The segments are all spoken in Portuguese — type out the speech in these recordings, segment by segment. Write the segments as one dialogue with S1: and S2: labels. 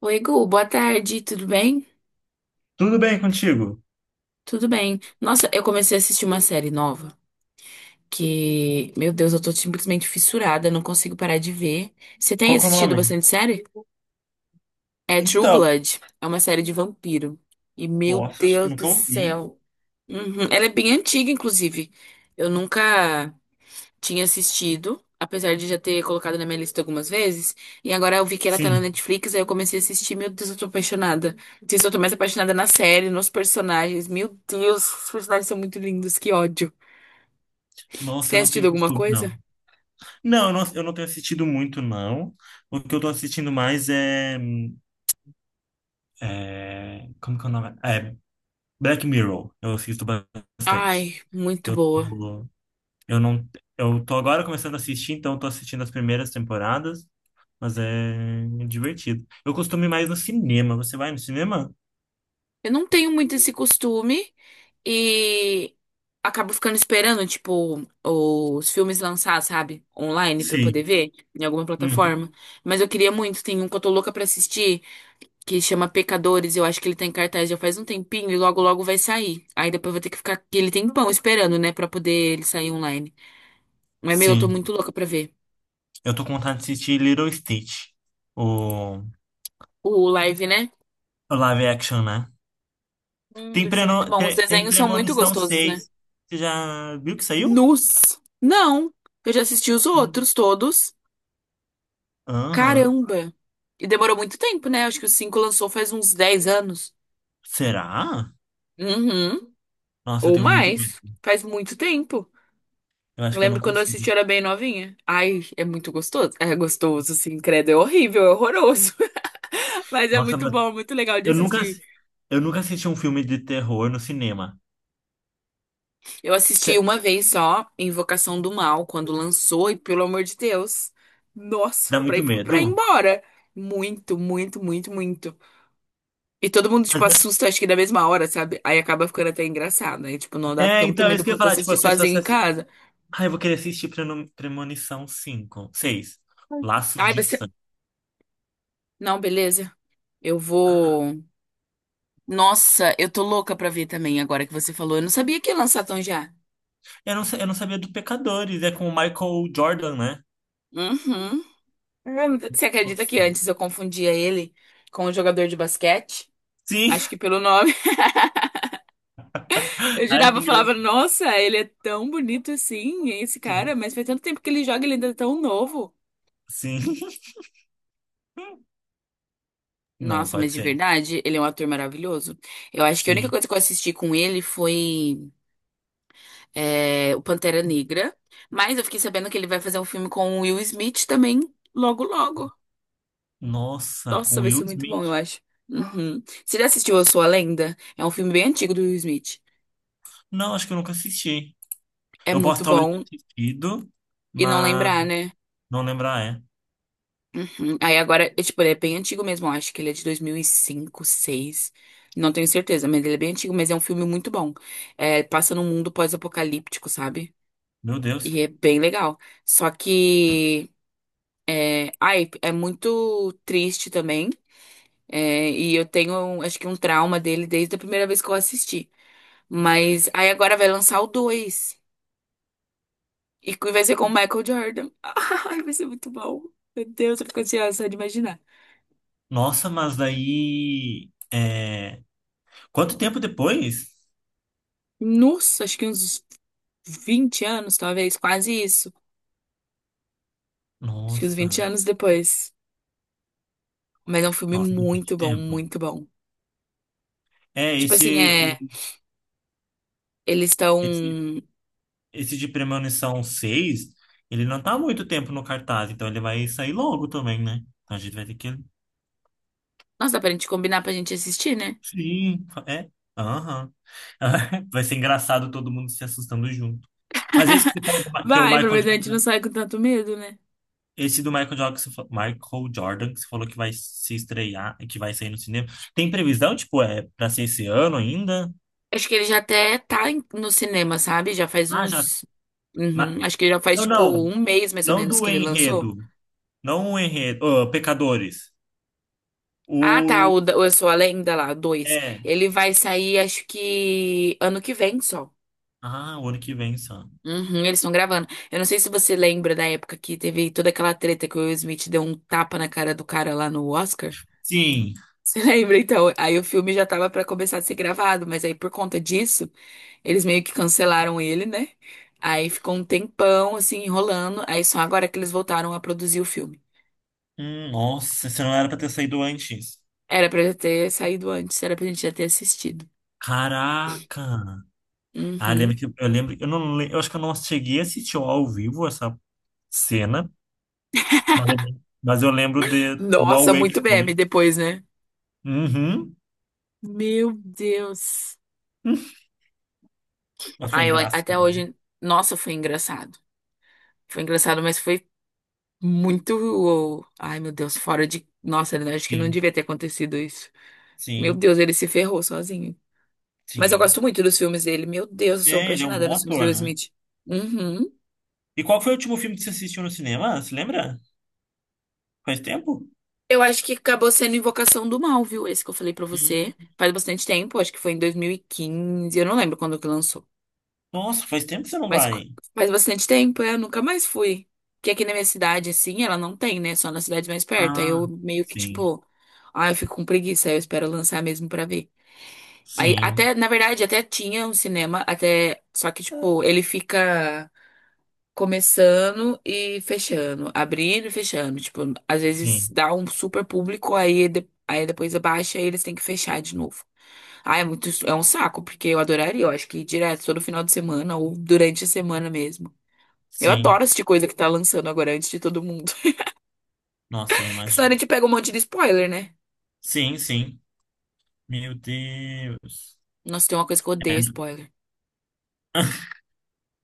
S1: Oi, Gu, boa tarde, tudo bem?
S2: Tudo bem contigo?
S1: Tudo bem. Nossa, eu comecei a assistir uma série nova que, meu Deus, eu tô simplesmente fissurada, não consigo parar de ver. Você tem
S2: Qual que é o
S1: assistido
S2: nome?
S1: bastante série? É True
S2: Então,
S1: Blood, é uma série de vampiro. E, meu
S2: nossa, acho que eu
S1: Deus do
S2: nunca ouvi.
S1: céu. Uhum, ela é bem antiga, inclusive. Eu nunca tinha assistido, apesar de já ter colocado na minha lista algumas vezes, e agora eu vi que ela tá na
S2: Sim.
S1: Netflix, aí eu comecei a assistir, meu Deus, eu tô apaixonada. Não sei se eu tô mais apaixonada na série, nos personagens. Meu Deus, os personagens são muito lindos, que ódio. Você
S2: Nossa,
S1: tem
S2: eu não
S1: assistido
S2: tenho
S1: alguma
S2: costume,
S1: coisa?
S2: não. Não, eu não tenho assistido muito, não. O que eu tô assistindo mais é. Como que é o nome? É Black Mirror. Eu assisto bastante.
S1: Ai,
S2: Que
S1: muito
S2: eu,
S1: boa.
S2: tô- eu não... Eu tô agora começando a assistir, então eu tô assistindo as primeiras temporadas, mas é divertido. Eu costumo ir mais no cinema. Você vai no cinema?
S1: Eu não tenho muito esse costume e acabo ficando esperando, tipo, os filmes lançar, sabe? Online pra poder
S2: Sim.
S1: ver em alguma
S2: Uhum.
S1: plataforma. Mas eu queria muito, tem um que eu tô louca pra assistir, que chama Pecadores. Eu acho que ele tá em cartaz já faz um tempinho e logo logo vai sair. Aí depois vai ter que ficar aquele tempão esperando, né, pra poder ele sair online. Mas, meu, eu tô
S2: Sim.
S1: muito louca pra ver.
S2: Eu tô com vontade de assistir Little Stitch, o,
S1: O live, né?
S2: o live action, né? Tem,
S1: Deve ser muito
S2: preno,
S1: bom. Os
S2: tre- tem
S1: desenhos são muito
S2: Premonição
S1: gostosos, né?
S2: seis. Você já viu que saiu?
S1: Nus! Não! Eu já assisti os
S2: Sim.
S1: outros todos.
S2: Aham.
S1: Caramba! E demorou muito tempo, né? Acho que o 5 lançou faz uns 10 anos.
S2: Será?
S1: Uhum.
S2: Nossa, eu
S1: Ou
S2: tenho muito medo.
S1: mais. Faz muito tempo.
S2: Eu acho
S1: Eu
S2: que eu
S1: lembro
S2: não
S1: quando eu
S2: consigo.
S1: assisti, eu era bem novinha. Ai, é muito gostoso. É gostoso, assim credo. É horrível, é horroroso. Mas é
S2: Nossa,
S1: muito
S2: mas
S1: bom, muito legal de
S2: eu nunca,
S1: assistir.
S2: assi- eu nunca assisti um filme de terror no cinema.
S1: Eu assisti
S2: Cê-
S1: uma vez só, Invocação do Mal, quando lançou, e pelo amor de Deus. Nossa,
S2: Dá
S1: pra ir,
S2: muito
S1: pra ir
S2: medo?
S1: embora. Muito, muito, muito, muito. E todo mundo, tipo,
S2: Mas-
S1: assusta, acho que da mesma hora, sabe? Aí acaba ficando até engraçado. Aí, tipo, não dá
S2: É,
S1: tanto
S2: então, é
S1: medo
S2: isso que eu ia
S1: quanto
S2: falar. Tipo,
S1: assistir
S2: as
S1: sozinho
S2: pessoas
S1: em
S2: assistem.
S1: casa.
S2: Ah, eu vou querer assistir Premonição cinco, seis, Laços
S1: Ai,
S2: de
S1: você.
S2: Sangue.
S1: Não, beleza. Eu vou. Nossa, eu tô louca pra ver também agora que você falou. Eu não sabia que ia lançar tão já.
S2: Eu não sabia do Pecadores, é com o Michael Jordan, né?
S1: Uhum. Você acredita
S2: Nossa.
S1: que antes eu confundia ele com um jogador de basquete?
S2: Sim.
S1: Acho que pelo nome. Eu
S2: Ai,
S1: jurava,
S2: que
S1: eu falava,
S2: engraçado.
S1: nossa, ele é tão bonito assim, esse cara,
S2: Sim.
S1: mas faz tanto tempo que ele joga, ele ainda é tão novo.
S2: Sim. Não,
S1: Nossa, mas
S2: pode
S1: de
S2: ser.
S1: verdade, ele é um ator maravilhoso. Eu acho que a única
S2: Sim.
S1: coisa que eu assisti com ele foi, é, o Pantera Negra, mas eu fiquei sabendo que ele vai fazer um filme com o Will Smith também, logo, logo.
S2: Nossa,
S1: Nossa,
S2: com
S1: vai
S2: Will
S1: ser muito bom, eu
S2: Smith.
S1: acho. Uhum. Você já assistiu Eu Sou a Lenda? É um filme bem antigo do Will Smith.
S2: Não, acho que eu nunca assisti.
S1: É
S2: Eu posso
S1: muito
S2: talvez
S1: bom
S2: ter assistido,
S1: e não
S2: mas
S1: lembrar, né?
S2: não lembrar, é.
S1: Uhum. Aí agora, é, tipo, ele é bem antigo mesmo. Eu acho que ele é de 2005, seis. Não tenho certeza, mas ele é bem antigo. Mas é um filme muito bom. É, passa num mundo pós-apocalíptico, sabe?
S2: Meu Deus.
S1: E é bem legal. Só que, ai, é muito triste também. É, e eu tenho, acho que um trauma dele desde a primeira vez que eu assisti. Mas aí agora vai lançar o dois, e que vai ser com o Michael Jordan. Ai, vai ser muito bom. Meu Deus, eu fico ansiosa só de imaginar.
S2: Nossa, mas daí. Quanto tempo depois?
S1: Nossa, acho que uns 20 anos, talvez, quase isso. Acho que uns 20
S2: Nossa.
S1: anos depois. Mas é um filme
S2: Nossa, bastante
S1: muito bom,
S2: tempo.
S1: muito bom.
S2: É,
S1: Tipo assim,
S2: esse, o-
S1: é. Eles estão.
S2: esse, esse de Premonição seis, ele não tá há muito tempo no cartaz, então ele vai sair logo também, né? Então a gente vai ter que...
S1: Nossa, dá pra gente combinar pra gente assistir, né?
S2: Sim, é. Aham. Vai ser engraçado todo mundo se assustando junto. Mas esse que você falou que é o
S1: Vai, pelo
S2: Michael
S1: menos a gente não
S2: Jordan,
S1: sai com tanto medo, né?
S2: esse do Michael Jordan que você falou, Michael Jordan que você falou que vai se estrear e que vai sair no cinema. Tem previsão, tipo, é para ser esse ano ainda?
S1: Acho que ele já até tá no cinema, sabe? Já faz
S2: Ah, já.
S1: uns.
S2: Mas,
S1: Uhum, acho que já faz
S2: não,
S1: tipo
S2: não,
S1: um mês mais ou
S2: não
S1: menos
S2: do
S1: que ele lançou.
S2: enredo, não o enredo. Ah, Pecadores.
S1: Ah, tá.
S2: O
S1: O Eu Sou a Lenda lá, dois.
S2: é,
S1: Ele vai sair, acho que ano que vem só.
S2: o ano que vem só.
S1: Uhum, eles estão gravando. Eu não sei se você lembra da época que teve toda aquela treta que o Will Smith deu um tapa na cara do cara lá no Oscar.
S2: Sim.
S1: Você lembra? Então, aí o filme já tava pra começar a ser gravado, mas aí por conta disso, eles meio que cancelaram ele, né? Aí ficou um tempão assim enrolando, aí só agora que eles voltaram a produzir o filme.
S2: Nossa, você não era pra ter saído antes.
S1: Era pra já ter saído antes, era pra gente já ter assistido.
S2: Caraca. Ah, eu lembro
S1: Uhum.
S2: que eu lembro, eu acho que eu não cheguei a assistir ao vivo essa cena, mas eu lembro de do
S1: Nossa,
S2: auê que
S1: muito meme
S2: foi.
S1: depois, né?
S2: Uhum.
S1: Meu Deus.
S2: Mas foi
S1: Aí eu,
S2: engraçado.
S1: até hoje, nossa, foi engraçado. Foi engraçado, mas foi muito, ai meu Deus, fora de, nossa, eu acho que não
S2: Sim,
S1: devia ter acontecido isso. Meu
S2: sim,
S1: Deus, ele se ferrou sozinho. Mas eu
S2: sim.
S1: gosto muito dos filmes dele. Meu Deus, eu sou
S2: É, ele é um
S1: apaixonada
S2: bom
S1: nos filmes do Will
S2: ator, né?
S1: Smith. Uhum.
S2: E qual foi o último filme que você assistiu no cinema? Você lembra? Faz tempo?
S1: Eu acho que acabou sendo Invocação do Mal, viu? Esse que eu falei pra você.
S2: Hum.
S1: Faz bastante tempo, acho que foi em 2015. Eu não lembro quando que lançou.
S2: Nossa, faz tempo que você não
S1: Mas co-
S2: vai.
S1: Faz bastante tempo, é, eu nunca mais fui. Porque aqui na minha cidade, assim, ela não tem, né? Só na cidade mais perto. Aí
S2: Ah,
S1: eu meio que,
S2: sim,
S1: tipo, ah, eu fico com preguiça, aí eu espero lançar mesmo pra ver. Aí
S2: sim,
S1: até, na verdade, até tinha um cinema, até. Só que, tipo, ele fica, começando e fechando, abrindo e fechando. Tipo, às vezes
S2: sim,
S1: dá um super público, aí, aí depois abaixa e eles têm que fechar de novo. Ah, é muito, é um saco, porque eu adoraria, eu acho que direto, todo final de semana ou durante a semana mesmo. Eu
S2: sim.
S1: adoro assistir coisa que tá lançando agora antes de todo mundo.
S2: Nossa, eu
S1: Porque senão a
S2: imagino.
S1: gente pega um monte de spoiler, né?
S2: Sim, sim. Meu Deus.
S1: Nossa, tem uma coisa que eu odeio
S2: É.
S1: spoiler.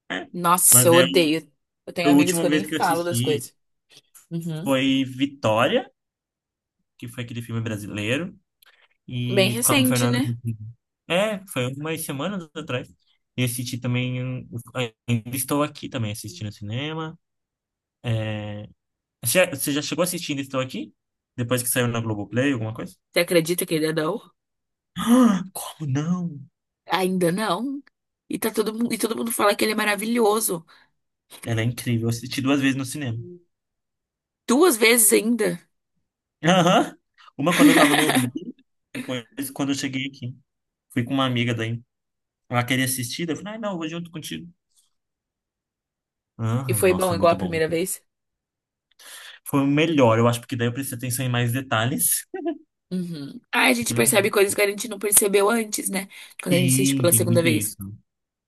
S1: Nossa,
S2: Mas
S1: eu
S2: eu
S1: odeio. Eu
S2: A
S1: tenho amigos que
S2: última
S1: eu nem
S2: vez que eu
S1: falo das
S2: assisti
S1: coisas. Uhum.
S2: foi Vitória, que foi aquele filme brasileiro,
S1: Bem
S2: e com a
S1: recente,
S2: Fernanda
S1: né?
S2: Montenegro. É, foi umas semanas atrás. E assisti também Ainda Estou Aqui também, assisti no cinema. Você já chegou assistindo Estou Aqui? Depois que saiu na Globoplay, alguma coisa?
S1: Você acredita que ele é da U?
S2: Ah, como não?
S1: Ainda não. E tá todo mundo, e todo mundo fala que ele é maravilhoso.
S2: Ela é incrível. Eu assisti duas vezes no cinema.
S1: Duas vezes ainda.
S2: Aham. Uma quando eu tava no Rio, depois quando eu cheguei aqui. Fui com uma amiga daí. Ela queria assistir, daí eu falei, ah, não, eu vou junto contigo.
S1: E
S2: Aham,
S1: foi
S2: nossa,
S1: bom
S2: é
S1: igual a
S2: muito bom.
S1: primeira vez?
S2: Foi o melhor, eu acho, porque daí eu prestei atenção em mais detalhes.
S1: Uhum. Ah, a gente
S2: Uhum.
S1: percebe coisas que a gente não percebeu antes, né? Quando a gente assiste
S2: Sim,
S1: pela
S2: tem
S1: segunda
S2: muito
S1: vez.
S2: isso.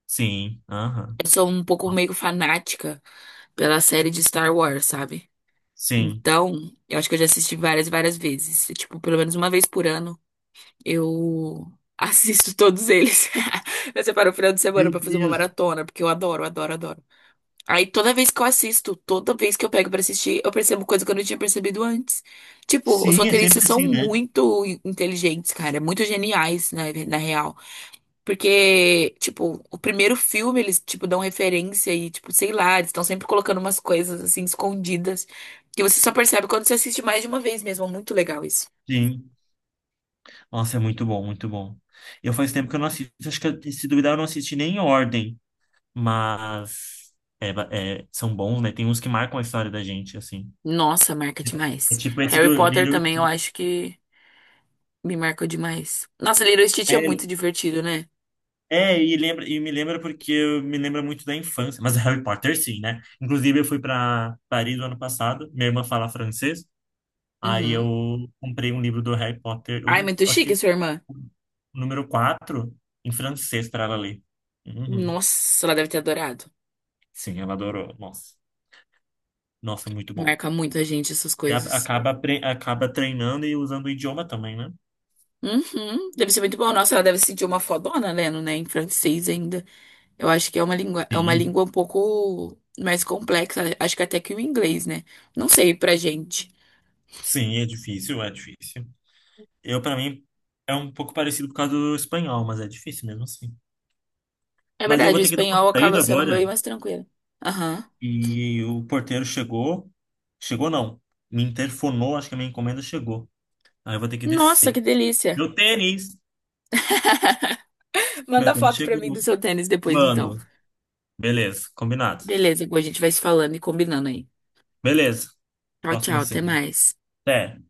S2: Sim, aham.
S1: Eu sou um pouco meio fanática pela série de Star Wars, sabe?
S2: Sim.
S1: Então, eu acho que eu já assisti várias, e várias vezes. Tipo, pelo menos uma vez por ano, eu assisto todos eles. Eu separo o final de semana
S2: Meu
S1: pra fazer uma
S2: Deus.
S1: maratona, porque eu adoro, adoro, adoro. Aí toda vez que eu assisto, toda vez que eu pego pra assistir, eu percebo coisa que eu não tinha percebido antes. Tipo, os
S2: Sim, é
S1: roteiristas
S2: sempre
S1: são
S2: assim, né?
S1: muito inteligentes, cara, muito geniais, na real. Porque, tipo, o primeiro filme eles, tipo, dão referência e, tipo, sei lá, eles estão sempre colocando umas coisas assim escondidas que você só percebe quando você assiste mais de uma vez mesmo. É muito legal isso.
S2: Sim. Nossa, é muito bom, muito bom. Eu faz tempo que eu não assisto, acho que se duvidar eu não assisti nem em ordem, mas são bons, né? Tem uns que marcam a história da gente, assim.
S1: Nossa, marca
S2: É
S1: demais.
S2: tipo esse
S1: Harry
S2: do
S1: Potter
S2: Little
S1: também eu
S2: Stitch.
S1: acho que me marcou demais. Nossa, Lilo e Stitch é muito divertido, né?
S2: É, e me lembra, porque eu me lembra muito da infância, mas é Harry Potter sim, né? Inclusive eu fui para Paris no ano passado, minha irmã fala francês, aí
S1: Uhum.
S2: eu comprei um livro do Harry Potter,
S1: Ai, muito
S2: acho
S1: chique, a
S2: que
S1: sua irmã.
S2: o número quatro, em francês para ela ler. Uhum.
S1: Nossa, ela deve ter adorado.
S2: Sim, ela adorou. Nossa, nossa, muito bom.
S1: Marca muito a gente essas
S2: E a-
S1: coisas.
S2: acaba apre- acaba treinando e usando o idioma também, né?
S1: Uhum, deve ser muito bom. Nossa, ela deve se sentir uma fodona lendo, né? Em francês ainda. Eu acho que é uma
S2: Sim,
S1: língua um pouco mais complexa. Acho que até que o inglês, né? Não sei pra gente.
S2: sim, é difícil, é difícil. Eu Para mim é um pouco parecido por causa do espanhol, mas é difícil mesmo assim.
S1: É
S2: Mas eu
S1: verdade,
S2: vou
S1: o
S2: ter que dar uma
S1: espanhol acaba
S2: saída
S1: sendo
S2: agora.
S1: meio mais tranquilo. Aham.
S2: E o porteiro chegou. Chegou, não. Me interfonou, acho que a minha encomenda chegou. Aí eu vou ter que
S1: Nossa,
S2: descer.
S1: que delícia.
S2: Meu tênis! Meu
S1: Manda
S2: tênis
S1: foto pra mim
S2: chegou.
S1: do seu tênis depois, então.
S2: Mando. Beleza, combinado.
S1: Beleza, Gu, a gente vai se falando e combinando aí.
S2: Beleza.
S1: Tchau, tchau,
S2: Próximo
S1: até
S2: cinema.
S1: mais.
S2: Até.